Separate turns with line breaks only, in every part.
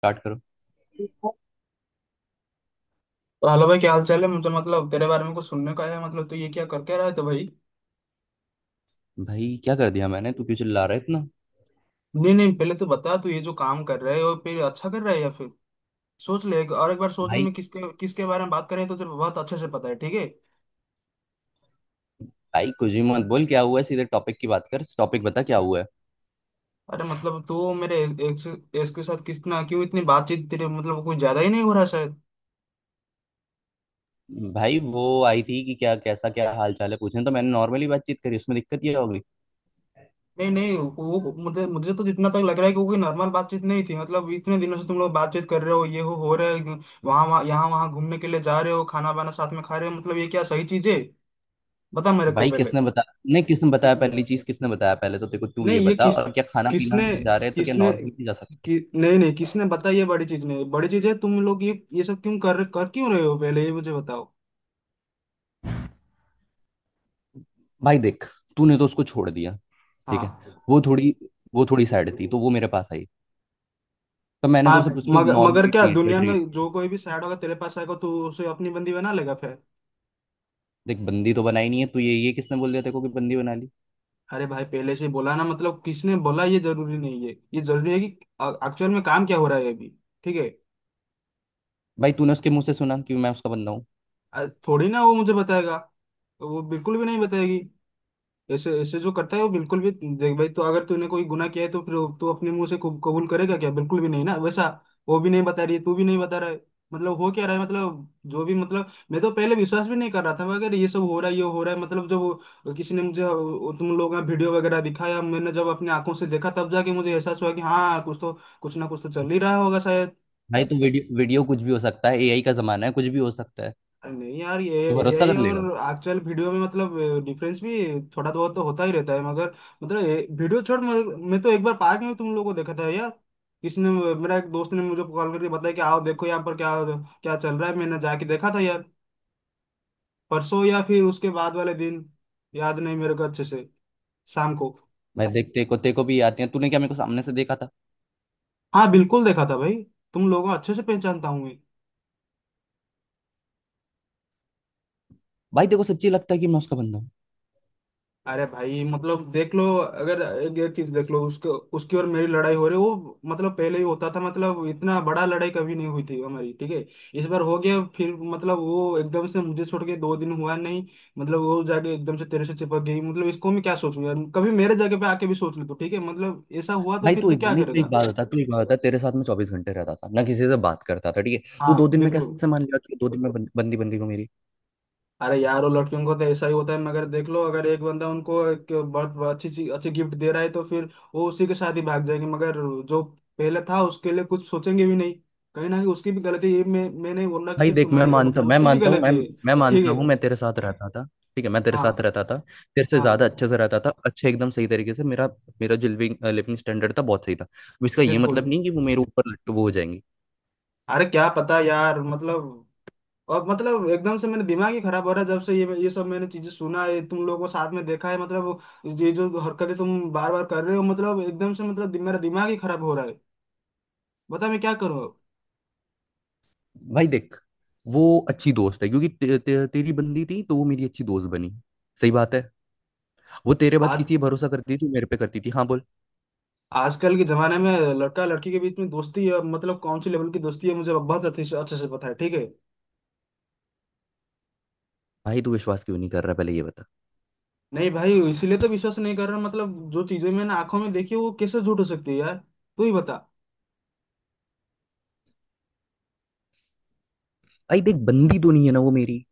Start करो।
तो hello भाई, क्या हाल चाल है? मुझे मतलब तेरे बारे में कुछ सुनने का है। मतलब तू ये क्या कर क्या रहा है? तो भाई
भाई क्या कर दिया मैंने? तू क्यों चिल्ला रहा है इतना?
नहीं नहीं, पहले तो बता, तू ये जो काम कर रहा है और फिर अच्छा कर रहा है या फिर सोच ले। और एक बार सोच ले
भाई,
मैं किसके किसके बारे में बात करें। तो तेरे को बहुत अच्छे से पता है ठीक है।
भाई कुछ भी मत बोल। क्या हुआ है? सीधे टॉपिक की बात कर, टॉपिक बता क्या हुआ है।
अरे मतलब तू मेरे एक्स एक्स के साथ कितना क्यों इतनी बातचीत, तेरे मतलब कुछ ज्यादा ही नहीं हो रहा शायद?
भाई वो आई थी कि क्या कैसा क्या हाल चाल है पूछने, तो मैंने नॉर्मली बातचीत करी, उसमें दिक्कत ये होगी?
नहीं नहीं वो, मुझे मुझे तो जितना तक लग रहा है कि वो कोई नॉर्मल बातचीत नहीं थी। मतलब इतने दिनों से तुम लोग बातचीत कर रहे हो ये हो रहा है। वहाँ वहाँ यहाँ वहाँ घूमने के लिए जा रहे हो, खाना वाना साथ में खा रहे हो। मतलब ये क्या सही चीज है? बता मेरे को
भाई
पहले।
किसने बता नहीं, किसने बताया पहली चीज? किसने बताया? पहले तो देखो, तू
नहीं
ये
ये
बता, और क्या खाना पीना
किसने
जा रहे हैं तो क्या
किसने
नॉर्मली भी जा सकते हैं?
नहीं नहीं किसने बता। ये बड़ी चीज नहीं, बड़ी चीज है। तुम लोग ये सब क्यों कर कर क्यों रहे हो, पहले ये मुझे बताओ।
भाई देख, तूने तो उसको छोड़ दिया, ठीक है।
हाँ
वो थोड़ी वो थोड़ी सैड थी तो वो मेरे पास आई, तो मैंने
हाँ,
तो सिर्फ उसको
मगर मगर
नॉर्मली
क्या
ट्रीट किया
दुनिया
ट्रीट
में जो कोई भी सैड होगा तेरे पास आएगा तो उसे अपनी बंदी बना लेगा फिर?
देख, बंदी तो बनाई नहीं है, तो ये किसने बोल दिया तेरे को कि बंदी बना ली?
अरे भाई पहले से ही बोला ना, मतलब किसने बोला ये जरूरी नहीं है, ये जरूरी है कि एक्चुअल में काम क्या हो रहा है अभी। ठीक है।
भाई तूने उसके मुंह से सुना कि मैं उसका बंदा हूँ?
थोड़ी ना वो मुझे बताएगा, वो बिल्कुल भी नहीं बताएगी। ऐसे ऐसे जो करता है वो बिल्कुल भी। देख भाई, तो अगर तूने कोई गुनाह किया है तो फिर तू अपने मुंह से कबूल करेगा क्या? बिल्कुल भी नहीं ना वैसा। वो भी नहीं बता रही है, तू भी नहीं बता रहा है, मतलब हो क्या रहा है मतलब? जो भी मतलब मैं तो पहले विश्वास भी नहीं कर रहा था, मगर ये सब हो रहा है, ये हो रहा है। मतलब जब किसी ने मुझे तुम लोगों का वीडियो वगैरह दिखाया, मैंने जब अपनी आंखों से देखा, तब जाके मुझे एहसास हुआ कि हाँ कुछ ना कुछ तो चल ही रहा होगा शायद।
भाई तो वीडियो वीडियो कुछ भी हो सकता है, एआई का जमाना है, कुछ भी हो सकता है।
नहीं यार, ये
तू भरोसा
यही
कर
और
लेगा?
एक्चुअल वीडियो में मतलब डिफरेंस भी थोड़ा बहुत तो होता ही रहता है, मगर मतलब ये वीडियो छोड़। मगर मैं तो एक बार पार्क में तुम लोगों को देखा था यार। किसी ने मेरा एक दोस्त ने मुझे कॉल करके बताया कि आओ देखो यहाँ पर क्या क्या चल रहा है, मैंने जाके देखा था यार। परसों या फिर उसके बाद वाले दिन, याद नहीं मेरे को अच्छे से, शाम को।
मैं देख, तेरे को भी आती है, तूने क्या मेरे को सामने से देखा था?
हाँ बिल्कुल देखा था भाई, तुम लोगों को अच्छे से पहचानता हूँ मैं।
भाई तेरे को सच्ची लगता है कि मैं उसका बंदा हूँ?
अरे भाई मतलब देख लो, अगर एक एक चीज देख लो। उसके उसकी और मेरी लड़ाई हो रही वो मतलब पहले ही होता था, मतलब इतना बड़ा लड़ाई कभी नहीं हुई थी हमारी, ठीक है। इस बार हो गया, फिर मतलब वो एकदम से मुझे छोड़ के 2 दिन हुआ नहीं। मतलब वो जाके एकदम से तेरे से चिपक गई। मतलब इसको मैं क्या सोचूं यार, कभी मेरे जगह पे आके भी सोच ले तो। ठीक है मतलब ऐसा हुआ तो
भाई
फिर
तू
तू
एक
क्या
नहीं तू
करेगा?
एक बात बता तू एक बात बता, तेरे साथ में 24 घंटे रहता था ना, किसी से बात करता था? ठीक है, तू
हाँ
2 दिन में
बिल्कुल।
कैसे मान लिया कि 2 दिन में बं- बंदी बंदी हो मेरी?
अरे यार वो लड़कियों को तो ऐसा ही होता है, मगर देख लो अगर एक बंदा उनको एक बहुत बहुत अच्छी चीज, अच्छी गिफ्ट दे रहा है तो फिर वो उसी के साथ ही भाग जाएंगे, मगर जो पहले था उसके लिए कुछ सोचेंगे भी नहीं। कहीं ना कहीं उसकी भी गलती है, ये मैं नहीं बोल रहा कि
भाई
सिर्फ
देख,
तुम्हारी गलती है, उसकी भी गलती है।
मैं
ठीक
मानता
है।
हूँ मैं तेरे साथ रहता था, ठीक है मैं तेरे
हाँ
साथ रहता था, तेरे से ज्यादा
हाँ
अच्छे से रहता था, अच्छे एकदम सही तरीके से। मेरा मेरा जो लिविंग लिविंग स्टैंडर्ड था, बहुत सही था। अब इसका ये
बिल्कुल।
मतलब नहीं कि वो मेरे ऊपर लट वो हो जाएंगी।
अरे क्या पता यार मतलब, और मतलब एकदम से मेरा दिमाग ही खराब हो रहा है जब से ये सब मैंने चीजें सुना है, तुम लोगों को साथ में देखा है। मतलब ये जो हरकतें तुम बार बार कर रहे हो, मतलब एकदम से मतलब मेरा दिमाग ही खराब हो रहा है, बता मैं क्या करूं।
भाई देख, वो अच्छी दोस्त है क्योंकि ते, ते, तेरी बंदी थी तो वो मेरी अच्छी दोस्त बनी, सही बात है। वो तेरे बाद
आज
किसी पे भरोसा करती थी, तू मेरे पे करती थी। हाँ बोल।
आजकल के जमाने में लड़का लड़की के बीच में दोस्ती है, मतलब कौन सी लेवल की दोस्ती है मुझे बहुत अच्छे से पता है, ठीक है।
भाई तू विश्वास क्यों नहीं कर रहा? पहले ये बता।
नहीं भाई इसीलिए तो विश्वास नहीं कर रहा, मतलब जो चीजें मैंने आंखों में देखी वो कैसे झूठ हो सकती है यार, तू ही बता।
भाई देख, बंदी तो नहीं है ना वो मेरी।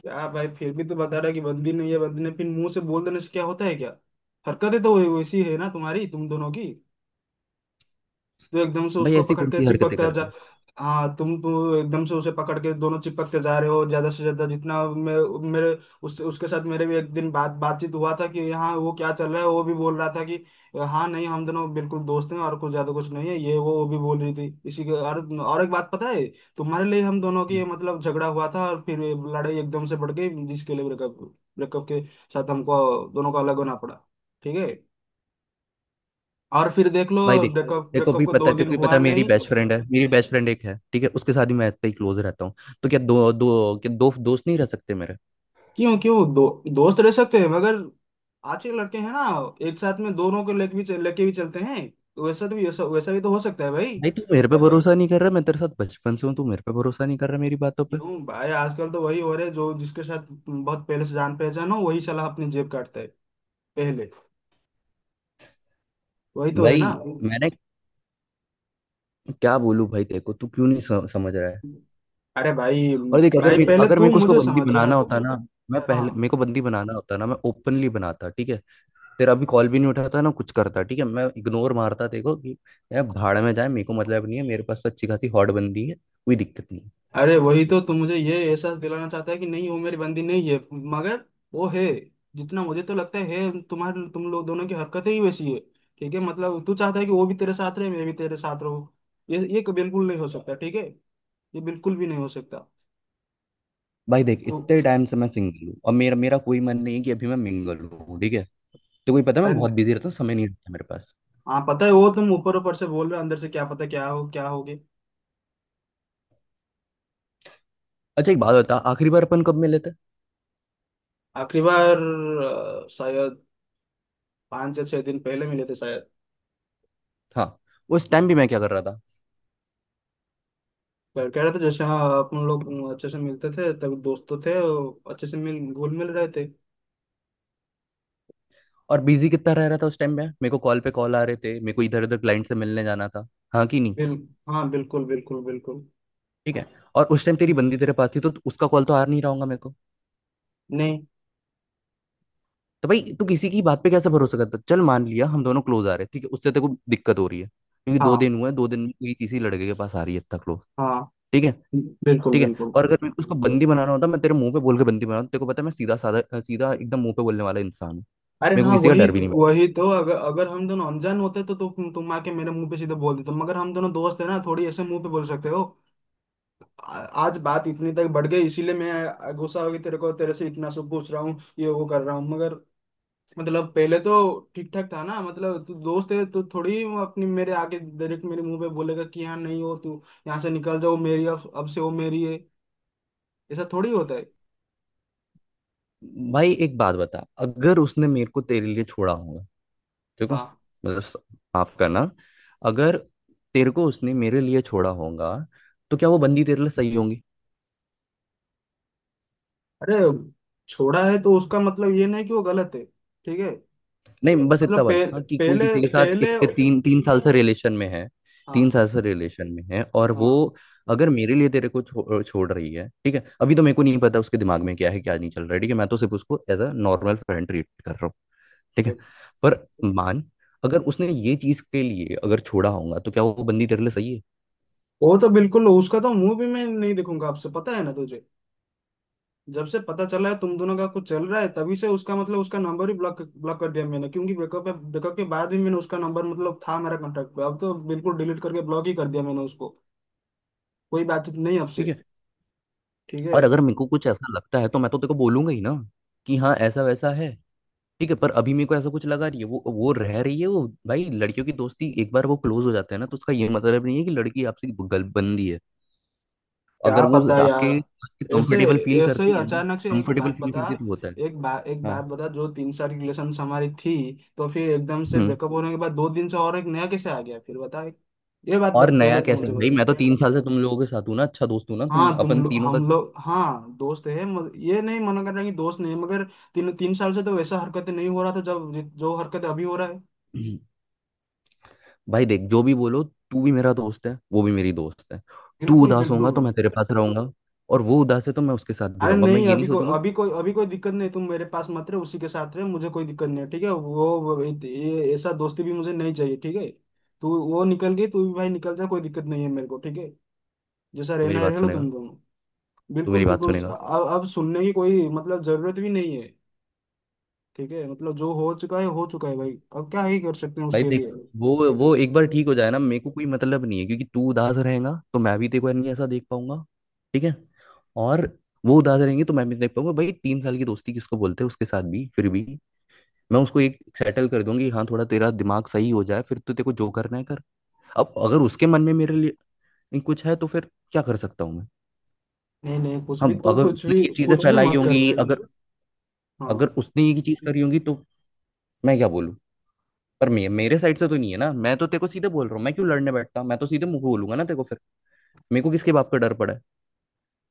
क्या भाई, फिर भी तो बता रहा है कि बंदी नहीं है, बंदी ने फिर मुंह से बोल देने से क्या होता है क्या? हरकतें तो वैसी है ना तुम्हारी, तुम दोनों की। तो एकदम से
भाई
उसको
ऐसी
पकड़
कौन
के
सी हरकतें
चिपकता जा।
करती?
हाँ तुम तो एकदम से उसे पकड़ के दोनों चिपकते जा रहे हो, ज्यादा से ज्यादा जितना मैं। मेरे उस उसके साथ मेरे भी एक दिन बातचीत हुआ था कि हाँ वो क्या चल रहा है, वो भी बोल रहा था कि हाँ नहीं हम दोनों बिल्कुल दोस्त हैं और कुछ ज्यादा कुछ नहीं है, ये वो भी बोल रही थी। इसी के और एक बात पता है, तुम्हारे लिए हम दोनों की मतलब झगड़ा हुआ था और फिर ये लड़ाई एकदम से बढ़ गई, जिसके लिए ब्रेकअप ब्रेकअप के साथ हमको दोनों को अलग होना पड़ा, ठीक है। और फिर देख लो,
भाई देख,
ब्रेकअप ब्रेकअप को दो
तेरे
दिन
को भी पता
हुआ
है मेरी
नहीं।
बेस्ट फ्रेंड है, मेरी बेस्ट फ्रेंड एक है, ठीक है, उसके साथ ही मैं इतना ही क्लोज रहता हूँ। तो क्या दो दो क्या दो दोस्त नहीं रह सकते मेरे?
क्यों क्यों दोस्त रह सकते हैं मगर आज के लड़के हैं ना, एक साथ में दोनों को लेके भी लेके भी चलते हैं, तो वैसा भी तो हो सकता है भाई।
भाई तू मेरे पे भरोसा नहीं कर रहा मैं तेरे साथ बचपन से हूँ, तू मेरे पे भरोसा नहीं कर रहा मेरी बातों पे।
क्यों भाई आजकल तो वही हो रहे, जो जिसके साथ बहुत पहले से जान पहचान हो वही साला अपनी जेब काटता है पहले, वही तो है ना।
भाई मैंने क्या बोलूं भाई तेरे को? तू क्यों नहीं समझ रहा है?
अरे भाई
और देख, अगर
भाई
मैं
पहले
अगर
तू
मेरे को उसको
मुझे
बंदी
समझ यार।
बनाना होता ना, मैं
हाँ।
पहले मेरे को बंदी बनाना होता ना, मैं ओपनली बनाता, ठीक है। तेरा अभी कॉल भी नहीं उठाता, ना कुछ करता, ठीक है, मैं इग्नोर मारता, देखो कि यार भाड़ में जाए, मेरे को मतलब नहीं है। मेरे पास तो अच्छी खासी हॉट बंदी है, कोई दिक्कत नहीं है।
अरे वही तो, तुम मुझे ये एहसास दिलाना चाहता है कि नहीं वो मेरी बंदी नहीं है, मगर वो है। जितना मुझे तो लगता है तुम्हारे तुम लोग दोनों की हरकतें ही वैसी है, ठीक है। मतलब तू चाहता है कि वो भी तेरे साथ रहे, मैं भी तेरे साथ रहूं, बिल्कुल नहीं हो सकता ठीक है, ये बिल्कुल भी नहीं हो सकता।
भाई देख,
तो
इतने टाइम से मैं सिंगल हूँ, और मेरा मेरा कोई मन नहीं है कि अभी मैं मिंगल हूँ, ठीक है। तो कोई पता है,
अरे
मैं
न-
बहुत बिजी रहता हूँ, समय नहीं रहता मेरे पास।
हाँ पता है वो तुम ऊपर ऊपर से बोल रहे हो, अंदर से क्या पता क्या हो, क्या होगे।
अच्छा एक बात बता, आखिरी बार अपन कब मिले थे?
आखिरी बार, शायद 5 या 6 दिन पहले मिले थे शायद।
हाँ, उस टाइम भी मैं क्या कर रहा था?
कह कह रहे थे, जैसे हाँ, अपन लोग अच्छे से मिलते थे तब, दोस्त तो थे, अच्छे से मिल घुल मिल रहे थे।
और बिजी कितना रह रहा था उस टाइम में? मेरे को कॉल पे कॉल आ रहे थे, मेरे को इधर उधर क्लाइंट से मिलने जाना था, हाँ कि नहीं?
बिल हाँ बिल्कुल बिल्कुल बिल्कुल।
ठीक है, और उस टाइम तेरी बंदी तेरे पास थी, तो उसका कॉल तो आ नहीं रहा होगा मेरे को?
नहीं,
तो भाई तू किसी की बात पे कैसे भरोसा करता? चल मान लिया हम दोनों क्लोज आ रहे, ठीक है, उससे तेरे को दिक्कत हो रही है क्योंकि दो
हाँ
दिन हुए, 2 दिन में कोई किसी लड़के के पास आ रही है इतना क्लोज,
हाँ
ठीक है।
बिल्कुल
ठीक है,
बिल्कुल।
और अगर मेरे को उसको बंदी बनाना होता, मैं तेरे मुंह पे बोल के बंदी बनाता। तेरे को पता है मैं सीधा साधा सीधा एकदम मुंह पे बोलने वाला इंसान हूँ,
अरे
मेरे को
हाँ,
किसी का
वही
डर भी नहीं।
वही तो। अगर अगर हम दोनों अनजान होते तो तुम आके मेरे मुंह पे सीधे बोल देते, मगर हम दोनों दोस्त है ना, थोड़ी ऐसे मुंह पे बोल सकते हो। आ- आज बात इतनी तक बढ़ गई इसीलिए मैं गुस्सा हो गई, तेरे को तेरे से इतना सब पूछ रहा हूँ, ये वो कर रहा हूँ, मगर मतलब पहले तो ठीक ठाक था ना। मतलब तू दोस्त है तो थोड़ी वो अपनी मेरे आगे डायरेक्ट मेरे मुंह पे बोलेगा कि हाँ नहीं, हो तू यहाँ से निकल जाओ मेरी, अब से वो मेरी है, ऐसा थोड़ी होता है।
भाई एक बात बता, अगर उसने मेरे को तेरे लिए छोड़ा होगा, ठीक है,
हाँ।
माफ करना, अगर तेरे को उसने मेरे लिए छोड़ा होगा, तो क्या वो बंदी तेरे लिए सही होंगी?
अरे छोड़ा है तो उसका मतलब ये नहीं कि वो गलत है, ठीक है।
नहीं, बस इतना
मतलब
बता, हाँ, कि कोई
पहले
किसी के साथ
पहले।
इतने 3-3 साल से रिलेशन में है, तीन
हाँ
साल से रिलेशन में है और
हाँ।
वो अगर मेरे लिए तेरे को छोड़ रही है, ठीक है, अभी तो मेरे को नहीं पता उसके दिमाग में क्या है, क्या नहीं चल रहा है, ठीक है। मैं तो सिर्फ उसको as a normal friend treat कर रहा हूँ, ठीक है। पर मान, अगर उसने ये चीज के लिए अगर छोड़ा होगा तो क्या वो बंदी तेरे लिए सही है?
वो तो बिल्कुल, उसका तो मुंह भी मैं नहीं देखूंगा आपसे, पता है ना तुझे। जब से पता चला है तुम दोनों का कुछ चल रहा है, तभी से उसका मतलब उसका नंबर ही ब्लॉक ब्लॉक कर दिया मैंने, क्योंकि ब्रेकअप ब्रेकअप के बाद भी मैंने उसका नंबर मतलब था मेरा कॉन्टेक्ट पे, अब तो बिल्कुल डिलीट करके ब्लॉक ही कर दिया मैंने उसको, कोई बातचीत नहीं
ठीक
आपसे।
है,
ठीक है।
और अगर मेरे को कुछ ऐसा लगता है तो मैं तो तेरे को बोलूंगा ही ना कि हाँ ऐसा वैसा है, ठीक है। पर अभी मेरे को ऐसा कुछ लगा रही है वो रह रही है। वो भाई, लड़कियों की दोस्ती एक बार वो क्लोज हो जाते हैं ना, तो उसका ये मतलब नहीं है कि लड़की आपसे गलबंदी है।
क्या
अगर वो
पता
आपके
यार, ऐसे
कंफर्टेबल फील
ऐसे ही
करती है ना,
अचानक से एक
कंफर्टेबल
बात
फील
बता
करती है तो होता है।
एक बात
हाँ।
बता, जो 3 साल की रिलेशन हमारी थी, तो फिर एकदम से
हम्म।
ब्रेकअप होने के बाद 2 दिन से और एक नया कैसे आ गया फिर बता, ये
और नया
पहले तो
कैसे?
मुझे
भाई
बता।
मैं तो 3 साल से तुम लोगों के साथ हूँ ना, अच्छा दोस्त हूँ ना, तुम
हाँ तुम
अपन
लोग
तीनों
हम लोग, हाँ दोस्त है, ये नहीं मना कर रहा कि दोस्त नहीं है, मगर तीन तीन साल से तो वैसा हरकत नहीं हो रहा था, जब जो हरकत अभी हो रहा है।
का। भाई देख, जो भी बोलो, तू भी मेरा दोस्त है, वो भी मेरी दोस्त है। तू
बिल्कुल
उदास
बिल्कुल।
होगा तो मैं तेरे पास रहूंगा, और वो उदास है तो मैं उसके साथ भी
अरे
रहूंगा, मैं
नहीं,
ये नहीं सोचूंगा।
अभी कोई दिक्कत नहीं, तुम मेरे पास मत रहे, उसी के साथ रहे, मुझे कोई दिक्कत नहीं है ठीक है। ये ऐसा दोस्ती भी मुझे नहीं चाहिए ठीक है। तू वो निकल गई, तू भी भाई निकल जा, कोई दिक्कत नहीं है मेरे को ठीक है, जैसा
तू
रहना
मेरी
है
बात
रह लो
सुनेगा?
तुम दोनों।
तू
बिल्कुल
मेरी बात
बिल्कुल।
सुनेगा?
अब सुनने की कोई मतलब जरूरत भी नहीं है। ठीक है मतलब जो हो चुका है भाई, अब क्या ही कर सकते हैं
भाई
उसके
देख,
लिए।
वो एक बार ठीक हो जाए ना, मेरे को कोई मतलब नहीं है, क्योंकि तू उदास रहेगा तो मैं भी तेरे को नहीं ऐसा देख पाऊंगा, ठीक है। और वो उदास रहेंगे तो मैं भी देख पाऊंगा। भाई 3 साल की दोस्ती किसको बोलते हैं? उसके साथ भी फिर भी मैं उसको एक सेटल कर दूंगी, हाँ, थोड़ा तेरा दिमाग सही हो जाए, फिर तो तेरे को जो करना है कर। अब अगर उसके मन में मेरे लिए नहीं कुछ है तो फिर क्या कर सकता हूँ मैं?
नहीं नहीं, कुछ भी
हम,
तू
अगर उसने ये चीजें तो
कुछ भी
फैलाई
मत कर
होंगी,
भाई।
अगर
हाँ।
अगर उसने ये चीज करी होंगी तो मैं क्या बोलूँ? पर मेरे साइड से तो नहीं है ना। मैं तो तेरे को सीधे बोल रहा हूँ, मैं क्यों लड़ने बैठता? मैं तो सीधे मुंह को बोलूंगा ना तेरे को फिर, मेरे को किसके बाप का डर पड़ा है?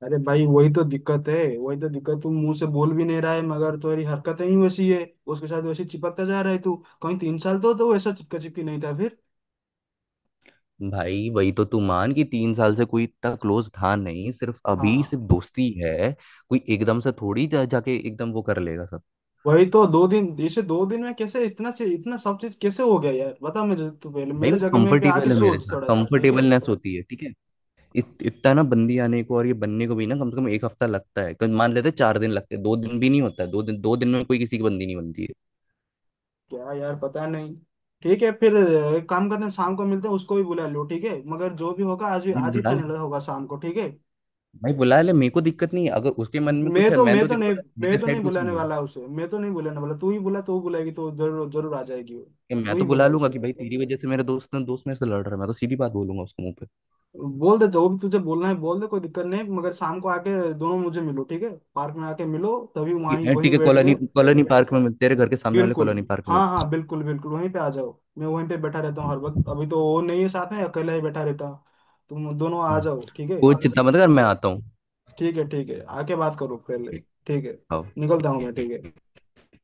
अरे भाई वही तो दिक्कत, तू मुंह से बोल भी नहीं रहा है, मगर तेरी हरकतें ही वैसी है, उसके साथ वैसे चिपकता जा रहा है तू। कहीं 3 साल तो वैसा चिपका चिपकी नहीं था फिर।
भाई वही तो तू मान, कि तीन साल से कोई इतना क्लोज था नहीं, सिर्फ अभी सिर्फ
हाँ
दोस्ती है। कोई एकदम से थोड़ी जाके एकदम वो कर लेगा सब।
वही तो दो दिन इसे 2 दिन में कैसे इतना से इतना सब चीज कैसे हो गया यार, बता मुझे, तू पहले
भाई
मेरे
वो
जगह में भी आके
कंफर्टेबल है मेरे
सोच
साथ,
थोड़ा सा ठीक है।
कंफर्टेबलनेस होती है, ठीक है। इतना ना बंदी आने को और ये बनने को भी ना, कम से कम एक हफ्ता लगता है, मान लेते हैं 4 दिन लगते हैं, 2 दिन भी नहीं होता है, 2 दिन में कोई किसी की बंदी नहीं बनती है।
क्या यार पता नहीं। ठीक है फिर, एक काम करते हैं, शाम को मिलते हैं, उसको भी बुला लो ठीक है, मगर जो भी होगा आज ही,
भाई
आज ही
बुला ले,
फाइनल होगा शाम को। ठीक
भाई बुला
है।
ले, मेरे को दिक्कत नहीं है। अगर उसके मन में कुछ
मैं
है,
तो
मैं
मैं
तो
तो
देखो,
नहीं
पता है, मेरे
मैं तो नहीं
साइड कुछ
बुलाने
नहीं है।
वाला उसे, मैं तो नहीं बुलाने वाला तू ही बुला, तो वो बुलाएगी तो जरूर जरूर आ जाएगी वो।
कि
तू
मैं
ही
तो
बुला
बुला लूंगा,
उसे,
कि भाई तेरी वजह से मेरे दोस्त मेरे से लड़ रहा है, मैं तो सीधी बात बोलूंगा उसको मुंह पे
बोल दे जो भी तुझे बोलना है बोल दे, कोई दिक्कत नहीं, मगर शाम को आके दोनों मुझे मिलो ठीक है, पार्क में आके मिलो, तभी
कि,
वहीं
"ए,
वहीं
ठीक है,
बैठ के।
कॉलोनी कॉलोनी पार्क में मिलते, तेरे घर के सामने वाले
बिल्कुल,
कॉलोनी पार्क में
हाँ
मिलते
हाँ बिल्कुल बिल्कुल। वहीं पे आ जाओ, मैं वहीं पे बैठा रहता
हैं।"
हूँ हर वक्त,
हम्म।
अभी तो वो नहीं है साथ में, अकेला ही बैठा रहता हूँ। तुम दोनों आ
हम्म।
जाओ ठीक है।
कोई चिंता मत कर, मैं आता हूँ।
ठीक है। ठीक है आके बात करो पहले।
ठीक,
ठीक है,
हाँ।
निकलता हूँ मैं, ठीक है।